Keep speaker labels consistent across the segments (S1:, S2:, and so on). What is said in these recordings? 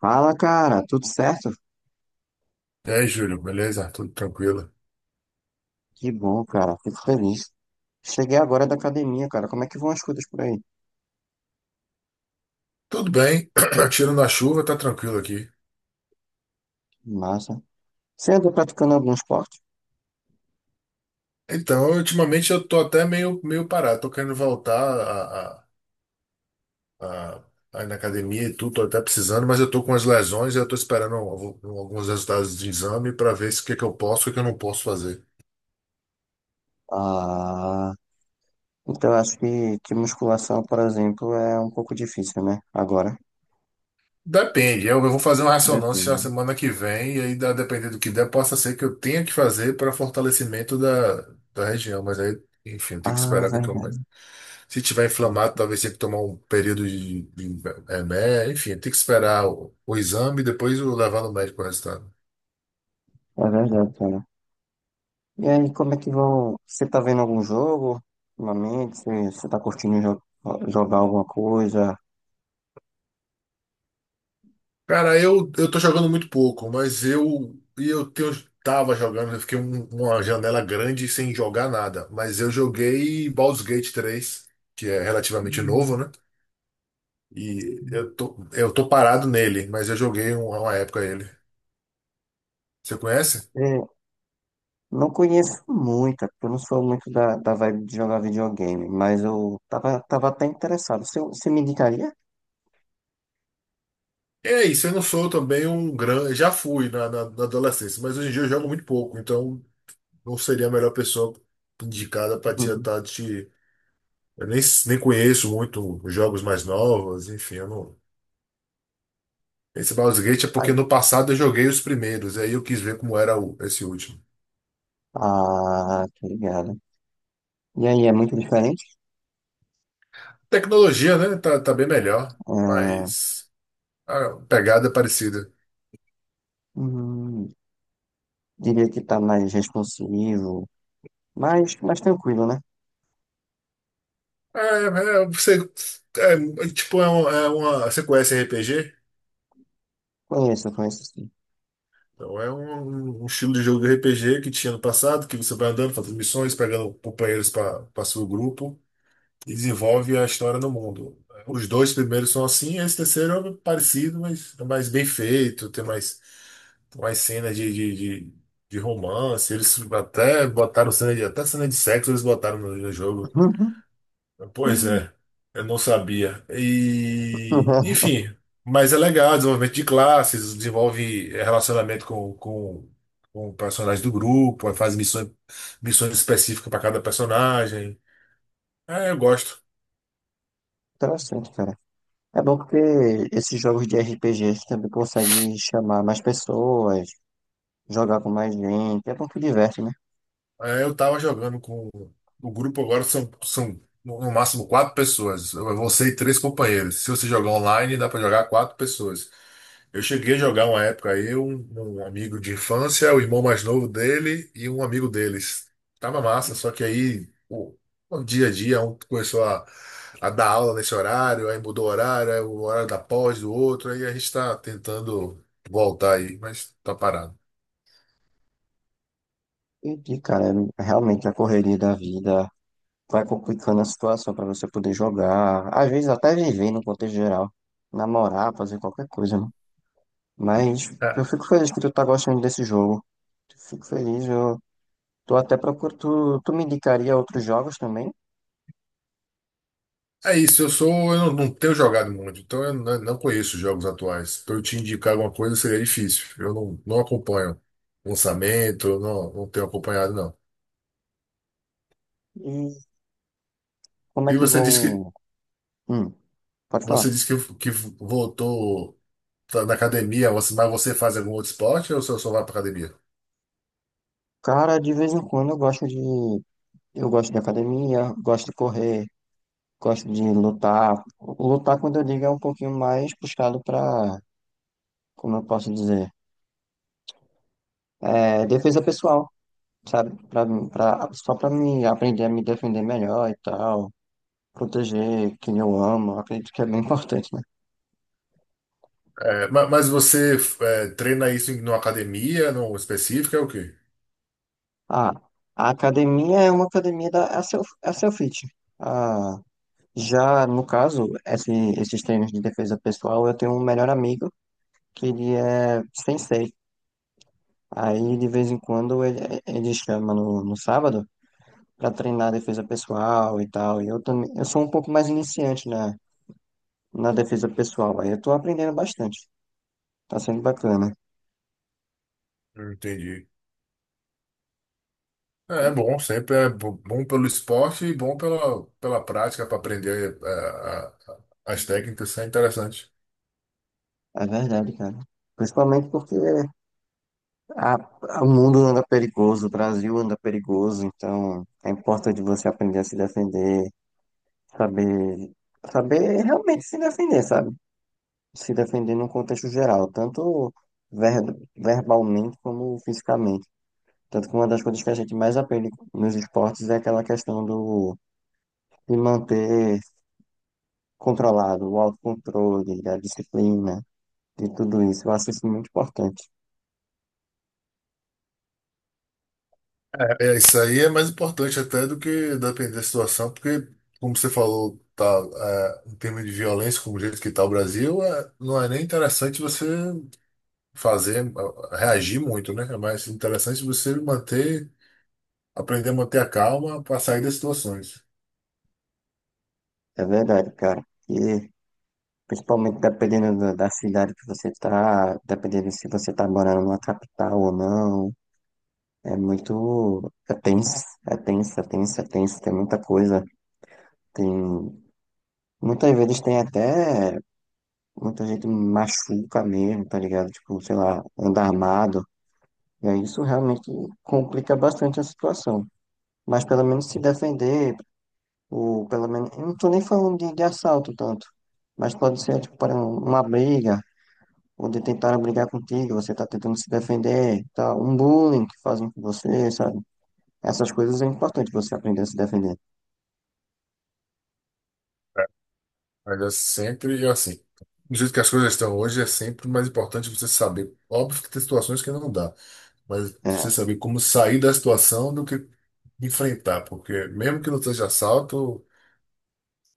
S1: Fala, cara, tudo certo?
S2: E aí, Júlio, beleza? Tudo tranquilo?
S1: Que bom, cara, fico feliz. Cheguei agora da academia, cara, como é que vão as coisas por aí?
S2: Tudo bem, tiro a chuva, tá tranquilo aqui.
S1: Massa. Você anda praticando algum esporte?
S2: Então, ultimamente eu tô até meio parado, tô querendo voltar a- a ir na academia e tudo, tô até precisando, mas eu tô com as lesões e eu tô esperando alguns resultados de exame para ver se o que que eu posso e o que eu não posso fazer.
S1: Ah, então eu acho que musculação, por exemplo, é um pouco difícil, né? Agora.
S2: Depende, eu vou fazer uma ressonância na
S1: Depende.
S2: semana que vem, e aí, dependendo do que der, possa ser que eu tenha que fazer para fortalecimento da região, mas aí, enfim, tem que
S1: Ah,
S2: esperar que eu.
S1: verdade.
S2: Se tiver inflamado, talvez tenha que tomar um período de remédio, enfim, tem que esperar o exame e depois eu levar no médico o resultado.
S1: É verdade, cara. E aí, como é que vão? Você tá vendo algum jogo ultimamente? Você tá curtindo jogar alguma coisa?
S2: Cara, eu tô jogando muito pouco, mas eu, e eu tenho, tava jogando, eu fiquei uma janela grande sem jogar nada, mas eu joguei Baldur's Gate 3, que é relativamente novo,
S1: Hum.
S2: né? E eu tô parado nele, mas eu joguei uma época ele. Você conhece?
S1: É não conheço muita, porque eu não sou muito da vibe de jogar videogame, mas eu tava, tava até interessado. Você me indicaria?
S2: É isso, eu não sou também um grande. Já fui na adolescência, mas hoje em dia eu jogo muito pouco, então não seria a melhor pessoa indicada para te
S1: Uhum.
S2: estar te. Eu nem, Nem conheço muito os jogos mais novos, enfim, eu não. Esse Baldur's Gate é porque
S1: Ai,
S2: no passado eu joguei os primeiros, aí eu quis ver como era o, esse último.
S1: ah, tô ligado. E aí, é muito diferente?
S2: Tecnologia, né? Tá bem melhor,
S1: Ah,
S2: mas a pegada é parecida.
S1: hum, diria que tá mais responsivo, mais, mais tranquilo, né?
S2: É, é, você, tipo, é uma- você conhece RPG?
S1: Conheço, conheço sim.
S2: Então é um estilo de jogo de RPG que tinha no passado, que você vai andando, fazendo missões, pegando companheiros para seu grupo e desenvolve a história no mundo. Os dois primeiros são assim, esse terceiro é parecido, mas é mais bem feito, tem mais, mais cenas de, de romance. Eles até botaram cena de, até cena de sexo, eles botaram no jogo.
S1: Uhum.
S2: Pois
S1: Uhum.
S2: é, eu não sabia. E, enfim, mas é legal, desenvolvimento de classes, desenvolve relacionamento com personagens do grupo, faz missões, missões específicas para cada personagem. É, eu gosto.
S1: Interessante, cara. É bom porque esses jogos de RPGs também conseguem chamar mais pessoas, jogar com mais gente. É bom que diverte, né?
S2: É, eu tava jogando com o grupo agora são, são no máximo quatro pessoas. Eu- Você e três companheiros. Se você jogar online, dá pra jogar quatro pessoas. Eu cheguei a jogar uma época aí, um amigo de infância, o irmão mais novo dele e um amigo deles. Tava massa, só que o dia a dia um começou a dar aula nesse horário, aí mudou o horário, aí o horário da pós do outro, aí a gente tá tentando voltar aí, mas tá parado.
S1: Entendi, cara. É realmente a correria da vida vai complicando a situação pra você poder jogar, às vezes até viver no contexto geral, namorar, fazer qualquer coisa, né? Mas eu fico feliz que tu tá gostando desse jogo. Fico feliz, eu tô até procurando. Tu me indicaria outros jogos também?
S2: É isso, eu sou, eu não tenho jogado muito, então eu não conheço os jogos atuais. Para eu te indicar alguma coisa seria difícil. Eu não, Não acompanho lançamento, eu não, não tenho acompanhado, não.
S1: E como é
S2: E
S1: que
S2: você disse que
S1: vão. Hum, pode
S2: Você
S1: falar.
S2: disse que voltou tá na academia, você- mas você faz algum outro esporte ou você só vai para academia?
S1: Cara, de vez em quando eu gosto de. Eu gosto de academia, gosto de correr, gosto de lutar. Lutar, quando eu digo, é um pouquinho mais puxado pra como eu posso dizer, é, defesa pessoal, sabe? Só para me aprender a me defender melhor e tal, proteger quem eu amo, acredito que é bem importante, né?
S2: É, mas você é, treina isso em numa academia, num específico, é o quê?
S1: Ah, a academia é uma academia da é a self, é a self-fit. Ah, já no caso, esses treinos de defesa pessoal, eu tenho um melhor amigo que ele é sensei. Aí de vez em quando ele chama no sábado para treinar defesa pessoal e tal. E eu também, eu sou um pouco mais iniciante, né? Na defesa pessoal. Aí eu tô aprendendo bastante. Tá sendo bacana.
S2: Não entendi. É
S1: Co-
S2: bom, sempre é bom pelo esporte e bom pela prática para aprender é, as técnicas, isso é interessante.
S1: É verdade, cara. Principalmente porque o mundo anda perigoso, o Brasil anda perigoso, então é importante você aprender a se defender, saber, saber realmente se defender, sabe? Se defender num contexto geral, tanto ver, verbalmente como fisicamente. Tanto que uma das coisas que a gente mais aprende nos esportes é aquela questão do, de manter controlado, o autocontrole, a disciplina. De tudo isso. Eu acho isso muito importante.
S2: Isso aí é mais importante até do que depender da situação, porque, como você falou, tá, é, em termos de violência, como o jeito que está o Brasil, é, não é nem interessante você fazer, é, reagir muito, né? É mais interessante você manter, aprender a manter a calma para sair das situações.
S1: É verdade, cara. E principalmente dependendo da cidade que você tá, dependendo se você tá morando numa capital ou não, é muito. É tenso, é tenso, é tenso, é tenso, tem muita coisa. Tem. Muitas vezes tem até. Muita gente machuca mesmo, tá ligado? Tipo, sei lá, anda armado. E aí isso realmente complica bastante a situação. Mas pelo menos se defender ou pelo menos, eu não tô nem falando de assalto tanto, mas pode ser, tipo, para uma briga, onde tentaram brigar contigo, você tá tentando se defender, tá? Um bullying que fazem com você, sabe? Essas coisas é importante você aprender a se defender.
S2: Mas é sempre, eu, assim, do jeito que as coisas estão hoje, é sempre mais importante você saber. Óbvio que tem situações que não dá, mas você
S1: É,
S2: saber como sair da situação do que enfrentar, porque mesmo que não seja assalto,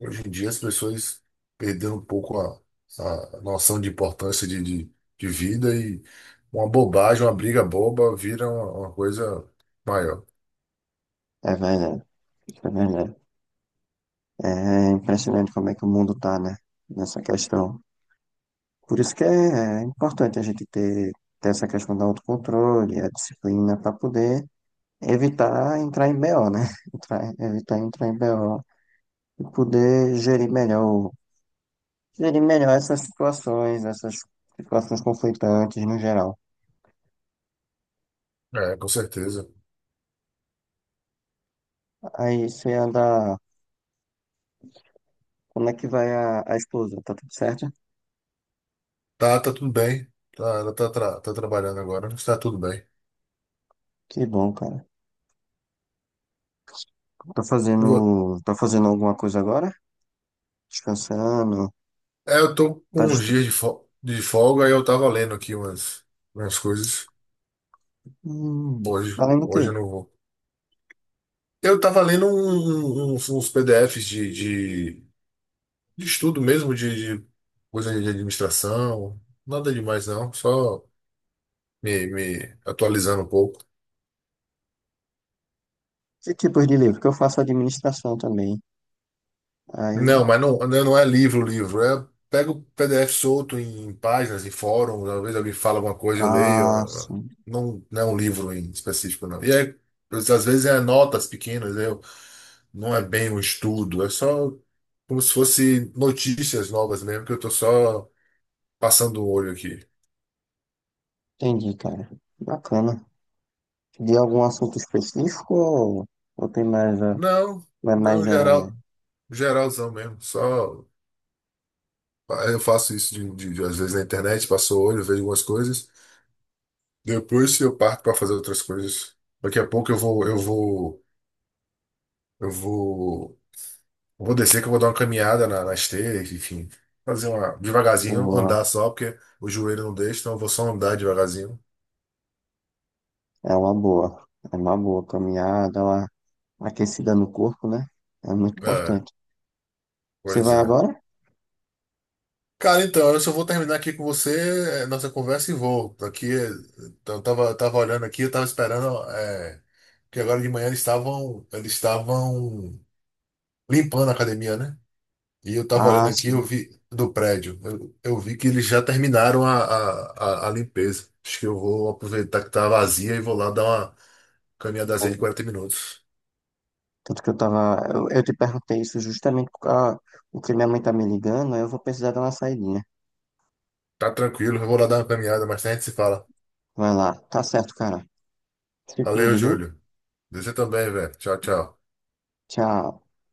S2: hoje em dia as pessoas perderam um pouco a noção de importância de vida e uma bobagem, uma briga boba vira uma coisa maior.
S1: é verdade, é verdade. É impressionante como é que o mundo tá, né? Nessa questão. Por isso que é importante a gente ter, ter essa questão do autocontrole, a disciplina para poder evitar entrar em BO, né? Evitar entrar em BO e poder gerir melhor essas situações conflitantes no geral.
S2: É, com certeza.
S1: Aí você anda. Como é que vai a esposa? Tá tudo certo?
S2: Tá, tá tudo bem. Tá, ela tá, tá trabalhando agora, mas tá tudo bem.
S1: Que bom, cara. Tá fazendo alguma coisa agora? Descansando?
S2: É, eu tô com
S1: Tá
S2: uns
S1: dist...
S2: dias de, de folga e eu tava lendo aqui umas, umas coisas.
S1: Hum,
S2: Hoje,
S1: tá lendo o
S2: hoje eu
S1: quê?
S2: não vou. Eu tava lendo uns PDFs de estudo mesmo, de coisa de administração. Nada demais não, só me atualizando um pouco.
S1: Que tipos de livro? Que eu faço administração também.
S2: Não,
S1: Aí,
S2: mas não, não é livro, livro. É, pego o PDF solto em, páginas, em fóruns. Às vezes alguém fala alguma coisa, eu leio.
S1: ah, sim.
S2: Não, não é um livro em específico, não. E aí, às vezes é notas pequenas, né? Não é bem um estudo, é só como se fosse notícias novas mesmo, que eu tô só passando o olho aqui.
S1: Entendi, cara. Bacana. De algum assunto específico ou tem mais,
S2: Não,
S1: mais, mais
S2: não,
S1: geral
S2: geral,
S1: mesmo?
S2: geralzão mesmo. Só eu faço isso de, às vezes na internet, passo o olho, vejo algumas coisas. Depois eu parto para fazer outras coisas. Daqui a pouco eu vou, eu vou descer que eu vou dar uma caminhada na esteira, enfim. Fazer uma devagarzinho,
S1: Boa.
S2: andar só, porque o joelho não deixa, então eu vou só andar devagarzinho.
S1: É uma boa. É uma boa caminhar, dar uma aquecida no corpo, né? É muito
S2: É,
S1: importante. Você
S2: pois
S1: vai
S2: é.
S1: agora?
S2: Cara, então, eu só vou terminar aqui com você, nossa conversa e vou. Aqui, eu tava, tava olhando aqui, eu tava esperando, é, que agora de manhã eles estavam limpando a academia, né? E eu tava
S1: Ah,
S2: olhando aqui, eu
S1: sim.
S2: vi do prédio, eu vi que eles já terminaram a limpeza. Acho que eu vou aproveitar que tá vazia e vou lá dar uma caminhadazinha de
S1: Boa.
S2: 40 minutos.
S1: Tanto que eu tava. Eu te perguntei isso justamente porque o que minha mãe tá me ligando, aí eu vou precisar dar uma saidinha.
S2: Tá tranquilo, eu vou lá dar uma caminhada, mas a gente se fala.
S1: Vai lá. Tá certo, cara. Se
S2: Valeu,
S1: cuide, viu?
S2: Júlio. Você também, velho. Tchau, tchau.
S1: Tchau.